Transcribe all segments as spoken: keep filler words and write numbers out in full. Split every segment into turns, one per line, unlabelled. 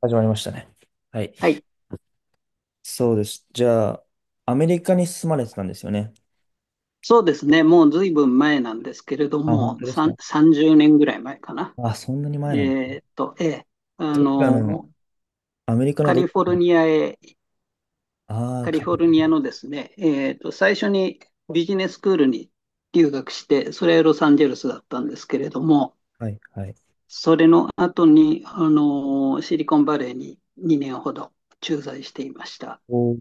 始まりましたね。はい。
はい。
そうです。じゃあ、アメリカに住まれてたんですよね。
そうですね。もうずいぶん前なんですけれど
あ、本
も、
当です
さん
か？
さんじゅうねんぐらい前かな。
あ、そんなに
え
前なんだ。
ーっと、ええ、あ
どちらの、
の、
アメリカの
カ
ど
リ
ち
フォ
ら
ル
の、
ニアへ、
ああー、
カリ
か、
フォルニアのですね、えーっと、最初にビジネススクールに留学して、それはロサンゼルスだったんですけれども、
はい、はい。
それの後に、あの、シリコンバレーににねんほど駐在していました。
おー、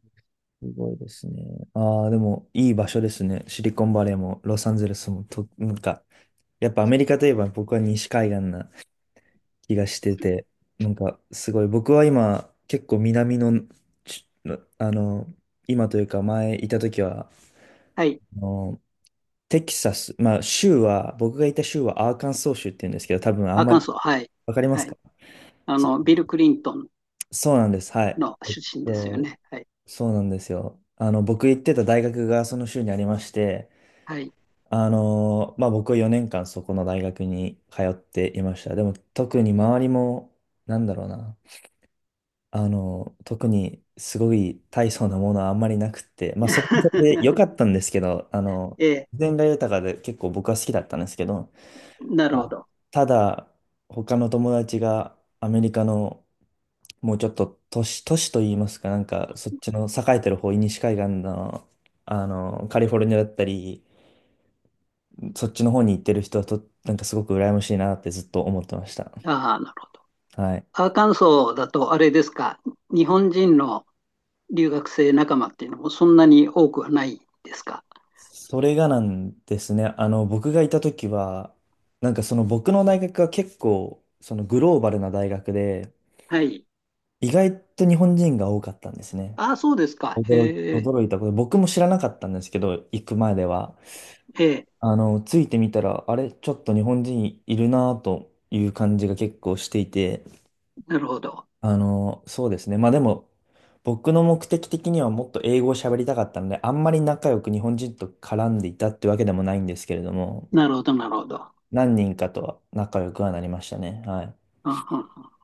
すごいですね。ああ、でも、いい場所ですね。シリコンバレーも、ロサンゼルスも、と、なんか、やっぱアメリカといえば僕は西海岸な気がしてて、なんか、すごい、僕は今、結構南の、ち、あの、今というか前いた時は、
はい。
あのテキサス、まあ州は、僕がいた州はアーカンソー州って言うんですけど、多分あん
ア
ま
カン
り
ソー、はい。
わかりま
は
す
い。
か？
あ
そ
の、ビル・クリントン
う、そうなんです。はい。
の
えっ
出身ですよ
と、
ね。はい。
そうなんですよ。あの、僕行ってた大学がその州にありまして、
はい。
あの、まあ僕はよねんかんそこの大学に通っていました。でも特に周りも、なんだろうな、あの、特にすごい大層なものはあんまりなくって、まあそれもそれで 良かったんですけど、あの、
ええ、
自然が豊かで結構僕は好きだったんですけど、
なる
ま
ほ
あ
ど。
ただ、他の友達がアメリカのもうちょっと都市、都市といいますか、なんかそっちの栄えてる方、西海岸の、あの、カリフォルニアだったり、そっちの方に行ってる人はと、なんかすごく羨ましいなってずっと思ってました。
ああ、なるほど。
はい。
アーカンソーだと、あれですか、日本人の留学生仲間っていうのもそんなに多くはないですか？
それがなんですね。あの、僕がいた時は、なんかその僕の大学は結構、そのグローバルな大学で、
はい。
意外と日本人が多かったんですね。
ああ、そうですか。
驚い、
へえ、
驚いたこと、僕も知らなかったんですけど、行く前では。
ええ、
あの、ついてみたら、あれ、ちょっと日本人いるなという感じが結構していて、
なるほど。
あの、そうですね。まあでも、僕の目的的にはもっと英語を喋りたかったので、あんまり仲良く日本人と絡んでいたってわけでもないんですけれども、
なるほど、なるほど。あ
何人かとは仲良くはなりましたね。はい。
あ、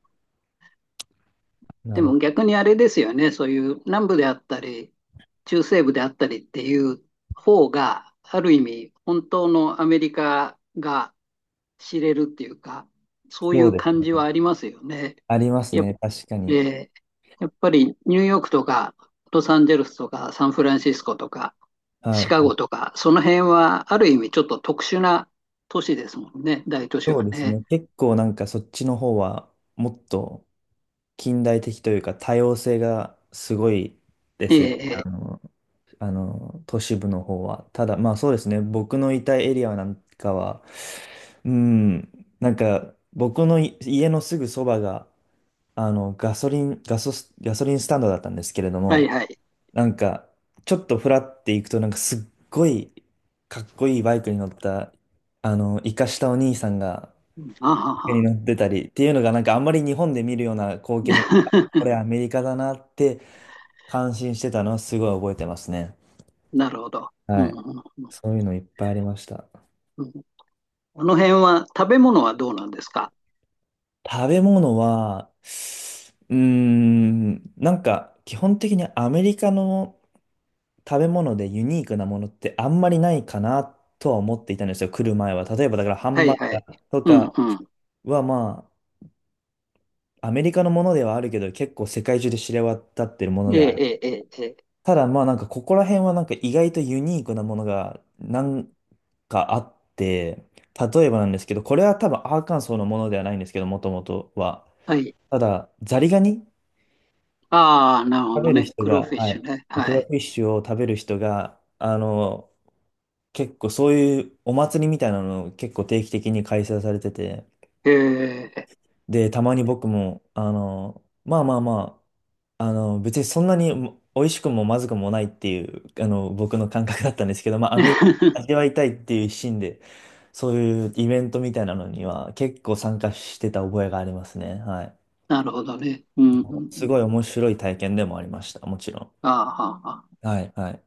な
で
るほ
も
ど。
逆にあれですよね、そういう南部であったり、中西部であったりっていう方が、ある意味、本当のアメリカが知れるっていうか、そうい
そう
う
で
感じ
すね。
はありますよね。
ありますね。確か
え
に。
ーやっぱりニューヨークとかロサンゼルスとかサンフランシスコとか
は
シ
い。
カゴとかその辺はある意味ちょっと特殊な都市ですもんね、大都市
そ
は
うです
ね。
ね。結構なんかそっちの方は、もっと、近代的というか多様性がすごいで
え
すよね。
ええ
あ
え、
の、あの都市部の方は。ただ、まあそうですね、僕のいたエリアなんかは、うん、なんか僕のい家のすぐそばが、あの、ガソリン、ガソス、ガソリンスタンドだったんですけれど
はい
も、
はい。
なんか、ちょっとフラって行くと、なんかすっごいかっこいいバイクに乗った、あの、イカしたお兄さんが、
あは
に
は。
なってたりっていうのがなんかあんまり日本で見るような光景じゃなくて、あこ れアメリカだなって感心してたのはすごい覚えてますね。
なるほど。う
は
ん
い。
うんうん
そういうのいっぱいありました。
うん、あの辺は食べ物はどうなんですか？
食べ物は、うーん、なんか基本的にアメリカの食べ物でユニークなものってあんまりないかなとは思っていたんですよ、来る前は。例えばだからハ
は
ンバ
い
ー
はい。
ガーと
うん
か
うん。
はまあ、アメリカのものではあるけど、結構世界中で知れ渡ってるもの
え
である。
えええええ。ええ、
ただまあなんかここら辺はなんか意外とユニークなものがなんかあって、例えばなんですけど、これは多分アーカンソーのものではないんですけど、もともとは。
はい。
ただ、ザリガニ
ああ、なるほ
食
ど
べる
ね。
人
クロー
が、
フィッ
は
シュ
い、
ね。
ク
は
ラフ
い。
ィッシュを食べる人が、あの、結構そういうお祭りみたいなのを結構定期的に開催されてて、
ええ
で、たまに僕も、あの、まあまあまあ、あの、別にそんなにも美味しくもまずくもないっていう、あの、僕の感覚だったんですけど、まあ、アメリカ 味わいたいっていう一心で、そういうイベントみたいなのには結構参加してた覚えがありますね。はい。
なるほどね。うんうんう
す
ん、
ごい面白い体験でもありました。もちろん。
ああ、はあ、はあ、
はい、はい。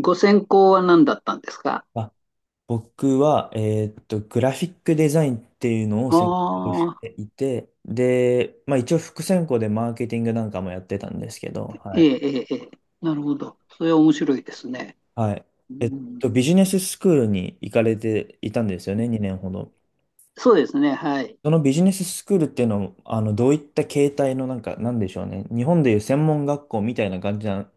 ご専攻は何だったんですか？
あ、僕は、えーっと、グラフィックデザインっていうのを
あ
専攻して
あ、
いて、で、まあ一応副専攻でマーケティングなんかもやってたんですけど、は
え
い。
え、ええ、ええ、なるほど。それは面白いですね。
はい。
う
えっ
ん、
と、ビジネススクールに行かれていたんですよね、にねんほど。
そうですね、はい。
そのビジネススクールっていうのは、あの、どういった形態のなんか、なんでしょうね。日本でいう専門学校みたいな感じな、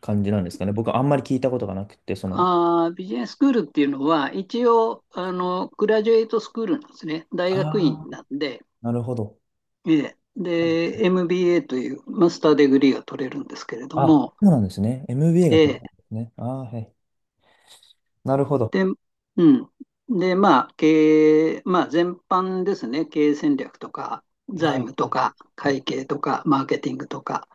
感じなんですかね。僕はあんまり聞いたことがなくて、その、
ああ、ビジネススクールっていうのは、一応、あの、グラジュエイトスクールなんですね。大学
あ
院
あ、
なんで、
なるほど。
ええ、で、エムビーエー というマスターデグリーが取れるんですけれど
あ、
も、
そうなんですね。エムビーエー が取れる
え
んですね。ああ、はい。なるほど。
で、うん。で、まあ、経営、まあ、全般ですね。経営戦略とか、財
は
務
い。
とか、会計とか、マーケティングとか、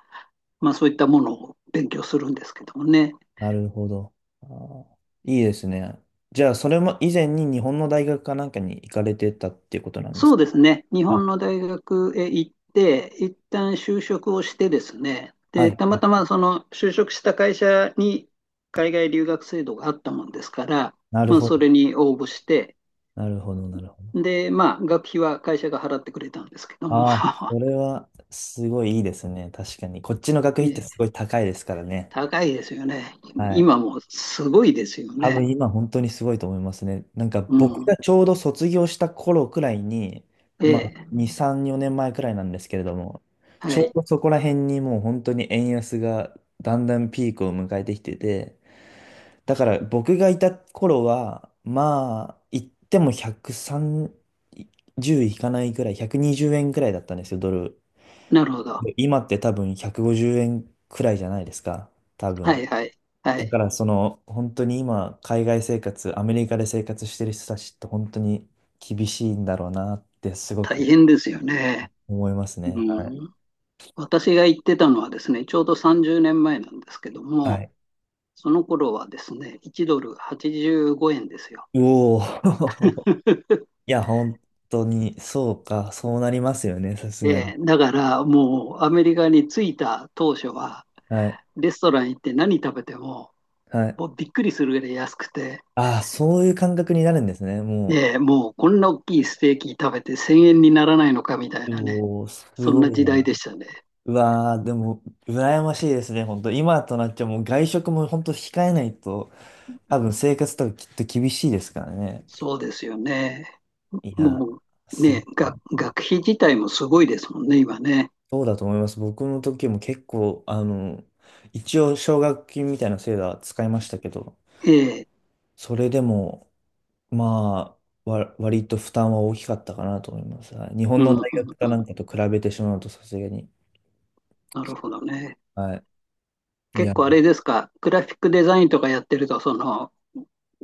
まあ、そういったものを勉強するんですけどもね。
なるほど。あーいいですね。じゃあ、それも以前に日本の大学かなんかに行かれてたっていうことなんです
そう
か？
ですね。日
あ、
本の大学へ行って、一旦就職をしてですね。
はい、
で、た
は
ま
い。
たまその就職した会社に海外留学制度があったもんですから、
なる
まあ、
ほ
そ
ど。
れに応募して、
なるほど、なるほど。
で、まあ、学費は会社が払ってくれたんですけども、
ああ、それはすごいいいですね。確かに。こっちの学費ってすご い高いですからね。
高いですよね。
はい。
今もすごいですよ
多
ね。
分今本当にすごいと思いますね。なんか
う
僕
ん。
がちょうど卒業した頃くらいに、まあ
ええ。
に、さん、よねんまえくらいなんですけれども、
は
ちょう
い。
どそこら辺にもう本当に円安がだんだんピークを迎えてきてて、だから僕がいた頃は、まあ言ってもひゃくさんじゅういかないくらい、ひゃくにじゅうえんくにじゅうえんくらいだったんですよ、ドル。
なるほど。
で今って多分ひゃくごじゅうえんくごじゅうえんくらいじゃないですか、多
は
分。
いはい。は
だか
い。
らその本当に今海外生活、アメリカで生活してる人たちって本当に厳しいんだろうなってすご
大
く
変ですよね。
思いますね。はい。
うん。私が行ってたのはですね、ちょうどさんじゅうねんまえなんですけど
は
も、
い。
その頃はですね、いちドルはちじゅうごえんですよ。
おお。いや、本当にそうか、そうなりますよね、さす
え
がに。
え、だからもうアメリカに着いた当初は、
はい。
レストラン行って何食べても、
はい。
もうびっくりするぐらい安くて、
ああ、そういう感覚になるんですね、も
ええ、もうこんな大きいステーキ食べてせんえんにならないのかみたい
う。
なね、
おお、す
そん
ご
な
い
時代
な。
でしたね。
うわー、でも、羨ましいですね、本当。今となっちゃもう外食も本当控えないと、多分生活とかきっと厳しいですからね。
そうですよね。
いやー、
もう
すごい
ね、
な。
学、学費自体もすごいですもんね、今ね。
そうだと思います。僕の時も結構、あの、一応奨学金みたいな制度は使いましたけど、
ええ、
それでも、まあ、わ、割と負担は大きかったかなと思います。はい、日
う
本の
ん
大
うん
学か
う
な
ん。
んかと比べてしまうとさすがに。
なるほどね。
はい。い
結
や、
構あれですか、グラフィックデザインとかやってると、その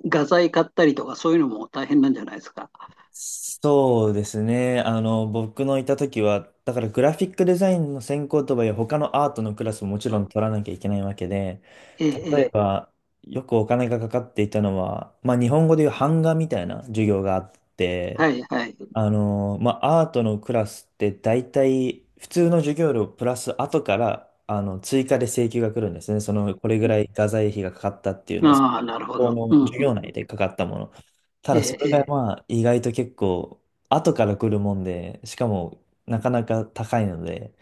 画材買ったりとかそういうのも大変なんじゃないですか？
そうですね。あの、僕のいた時は、だからグラフィックデザインの専攻とはいえ、他のアートのクラスももちろん取らなきゃいけないわけで、
え
例
え
え
ええ、
ば、よくお金がかかっていたのは、まあ日本語でいう版画みたいな授業があって、
はいはい。
あの、まあアートのクラスって大体、普通の授業料プラス後から、あの、追加で請求が来るんですね。その、これぐらい画材費がかかったっていうのを
ああ、なるほ
こ
ど。う
の
んう
授業内
ん。
でかかったもの。ただそ
え
れ
え
が
ええ、
まあ意外と結構後から来るもんで、しかもなかなか高いので、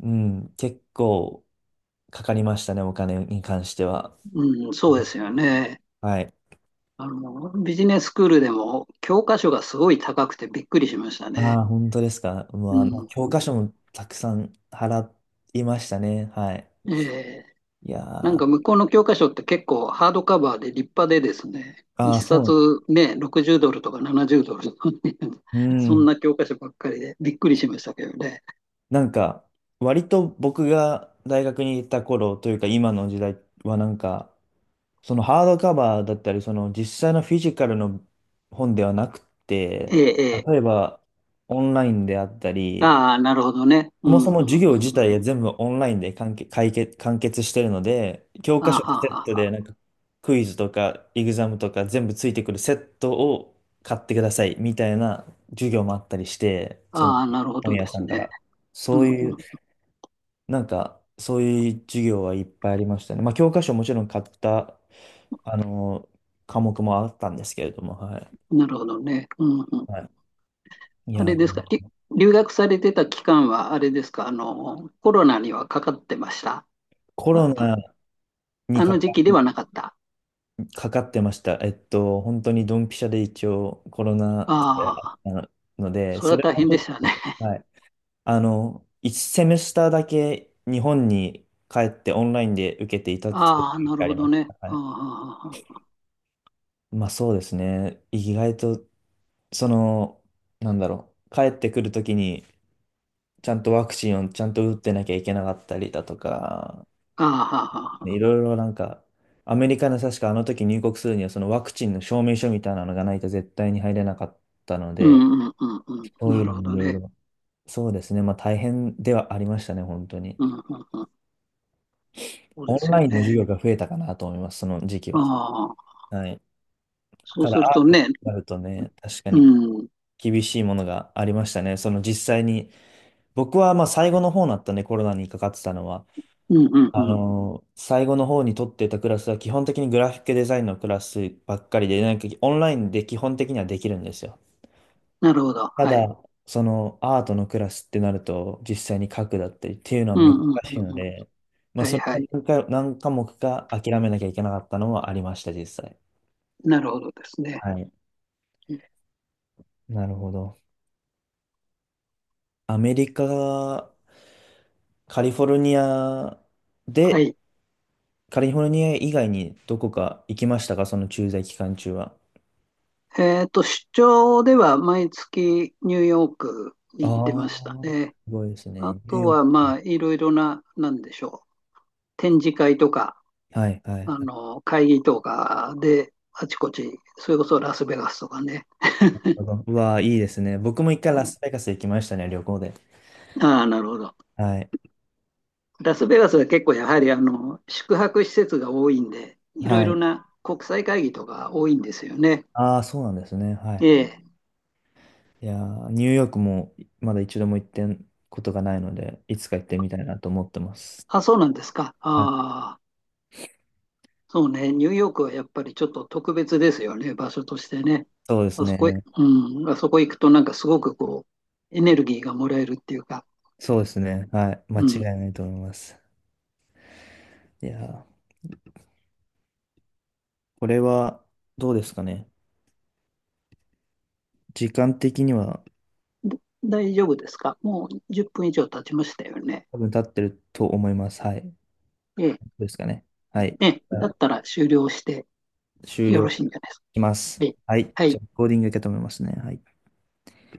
うん、結構かかりましたね、お金に関しては。
うん、そうですよね。
はい。
あの、ビジネススクールでも教科書がすごい高くてびっくりしました
あ
ね。
あ、本当ですか。う
う
わ、まあ、教
ん。
科書もたくさん払いましたね。はい。
ええ、
いやー、
なん
あ
か向こうの教科書って結構ハードカバーで立派でですね、一
あ、そうな
冊
の。
ね、ろくじゅうドルとかななじゅうドルとかね
う
そん
ん
な教科書ばっかりでびっくりしましたけどね。
なんか、割と僕が大学に行った頃というか今の時代はなんか、そのハードカバーだったり、その実際のフィジカルの本ではなくて、
ええええ、
例えばオンラインであったり、
ああ、なるほどね。
そ
う
も
ん、
そも
う
授
ん、
業
うん、
自
うん。あ
体が全部オンラインで完結、解決、完結してるので、教
あ、
科書
は
と
あ
セット
はあ
で
は
なんかクイズとかエグザムとか全部ついてくるセットを買ってくださいみたいな授業もあったりして、
あ、
その
ああ、なるほ
本
どで
屋さ
す
んか
ね。
ら。
う
そ
ん、
ういう
う
なんか、そういう授業はいっぱいありましたね。まあ、教科書もちろん買った、あの、科目もあったんですけれども、はい。
ん。なるほどね。うん、うん。
はい、い
あれ
や、
ですか、り留学されてた期間は、あれですか、あの、コロナにはかかってました？
コ
あ、
ロ
あ
ナに
あ
か
の
か、
時期ではなかった？
かかってました。えっと、本当にドンピシャで一応コロナ禍で
あ
あっ
あ、
たので、
それ
そ
は
れ
大
も
変
ちょ
でし
っ
たね。
と、はい。あの、ワンセメスターだけ日本に帰ってオンラインで受けていたってい
ああ、
う時
なる
があ
ほ
り
ど
ます。
ね。
はい。
あ
まあそうですね。意外とその、なんだろう、帰ってくるときに、ちゃんとワクチンをちゃんと打ってなきゃいけなかったりだとか、
あ、ああ、ああ、あ
いろ
あ、
いろなんか、アメリカの確かあの時入国するには、そのワクチンの証明書みたいなのがないと絶対に入れなかったの
う
で、
んうんうんうん。
そう
な
いう
る
の
ほ
もい
ど
ろい
ね。
ろ、そうですね、まあ大変ではありましたね、本当に。
うんうんうん。そうで
オン
すよ
ラインの
ね。
授業が増えたかなと思います、その時期
あ
は。
あ、
はい。
そう
た
す
だ、
ると
アートに
ね、
なるとね、確か
う
に
ん、うん
厳しいものがありましたね。その実際に僕はまあ最後の方になったね、コロナにかかってたのは。
うん
あ
うん。
のー最後の方に取ってたクラスは基本的にグラフィックデザインのクラスばっかりで、なんかオンラインで基本的にはできるんですよ。
なるほど。
た
はい。
だ、そのアートのクラスってなると、実際に書くだったりっていうの
うん
は難
うん
しいの
うんうん。
で、まあ
は
そ
い
れ
は
が
い。
何か、何科目か諦めなきゃいけなかったのはありました、実際。
なるほどですね。
はい。
うん、
なるほど。アメリカ、カリフォルニア
は
で
い。
カリフォルニア以外にどこか行きましたかその駐在期間中は。
えっと、出張では毎月ニューヨークに
あ
行ってました
あ、
ね。
すごいです
あ
ね。ニュー
と
ヨー
は、
ク。
まあ、いろいろな、なんでしょう。展示会とか、
はい、はい。
あの、会議とかで、あちこち、それこそラスベガスとかね。
うわあ、いいですね。僕も一回
う
ラ
ん、
スベガス行きましたね、旅行で。
ああ、なるほど。
はい。
ラスベガスは結構やはりあの宿泊施設が多いんで、いろ
は
いろ
い。
な国際会議とか多いんですよね。
ああ、そうなんですね。は
え
い。
え。
いやーニューヨークもまだ一度も行ってんことがないので、いつか行ってみたいなと思ってます。
あ、そうなんですか。
はい。
ああ。そうね、ニューヨークはやっぱりちょっと特別ですよね、場所としてね。
そうです
あそこ、
ね。
うん、あそこ行くとなんかすごくこう、エネルギーがもらえるっていうか、
そうですね。はい。間
う
違い
ん。
ないと思います。いやーこれはどうですかね。時間的には
だ大丈夫ですか？もうじゅっぷん以上経ちましたよね。
多分立ってると思います。はい。
ええ、
ですかね。はい。
ええ、
じゃ
だ
あ
ったら終了して
終
よろ
了
しいんじゃないですか？
します。
ええ、
はい。
は
じゃ
い。
あ、コーディングいけたと思いますね。はい。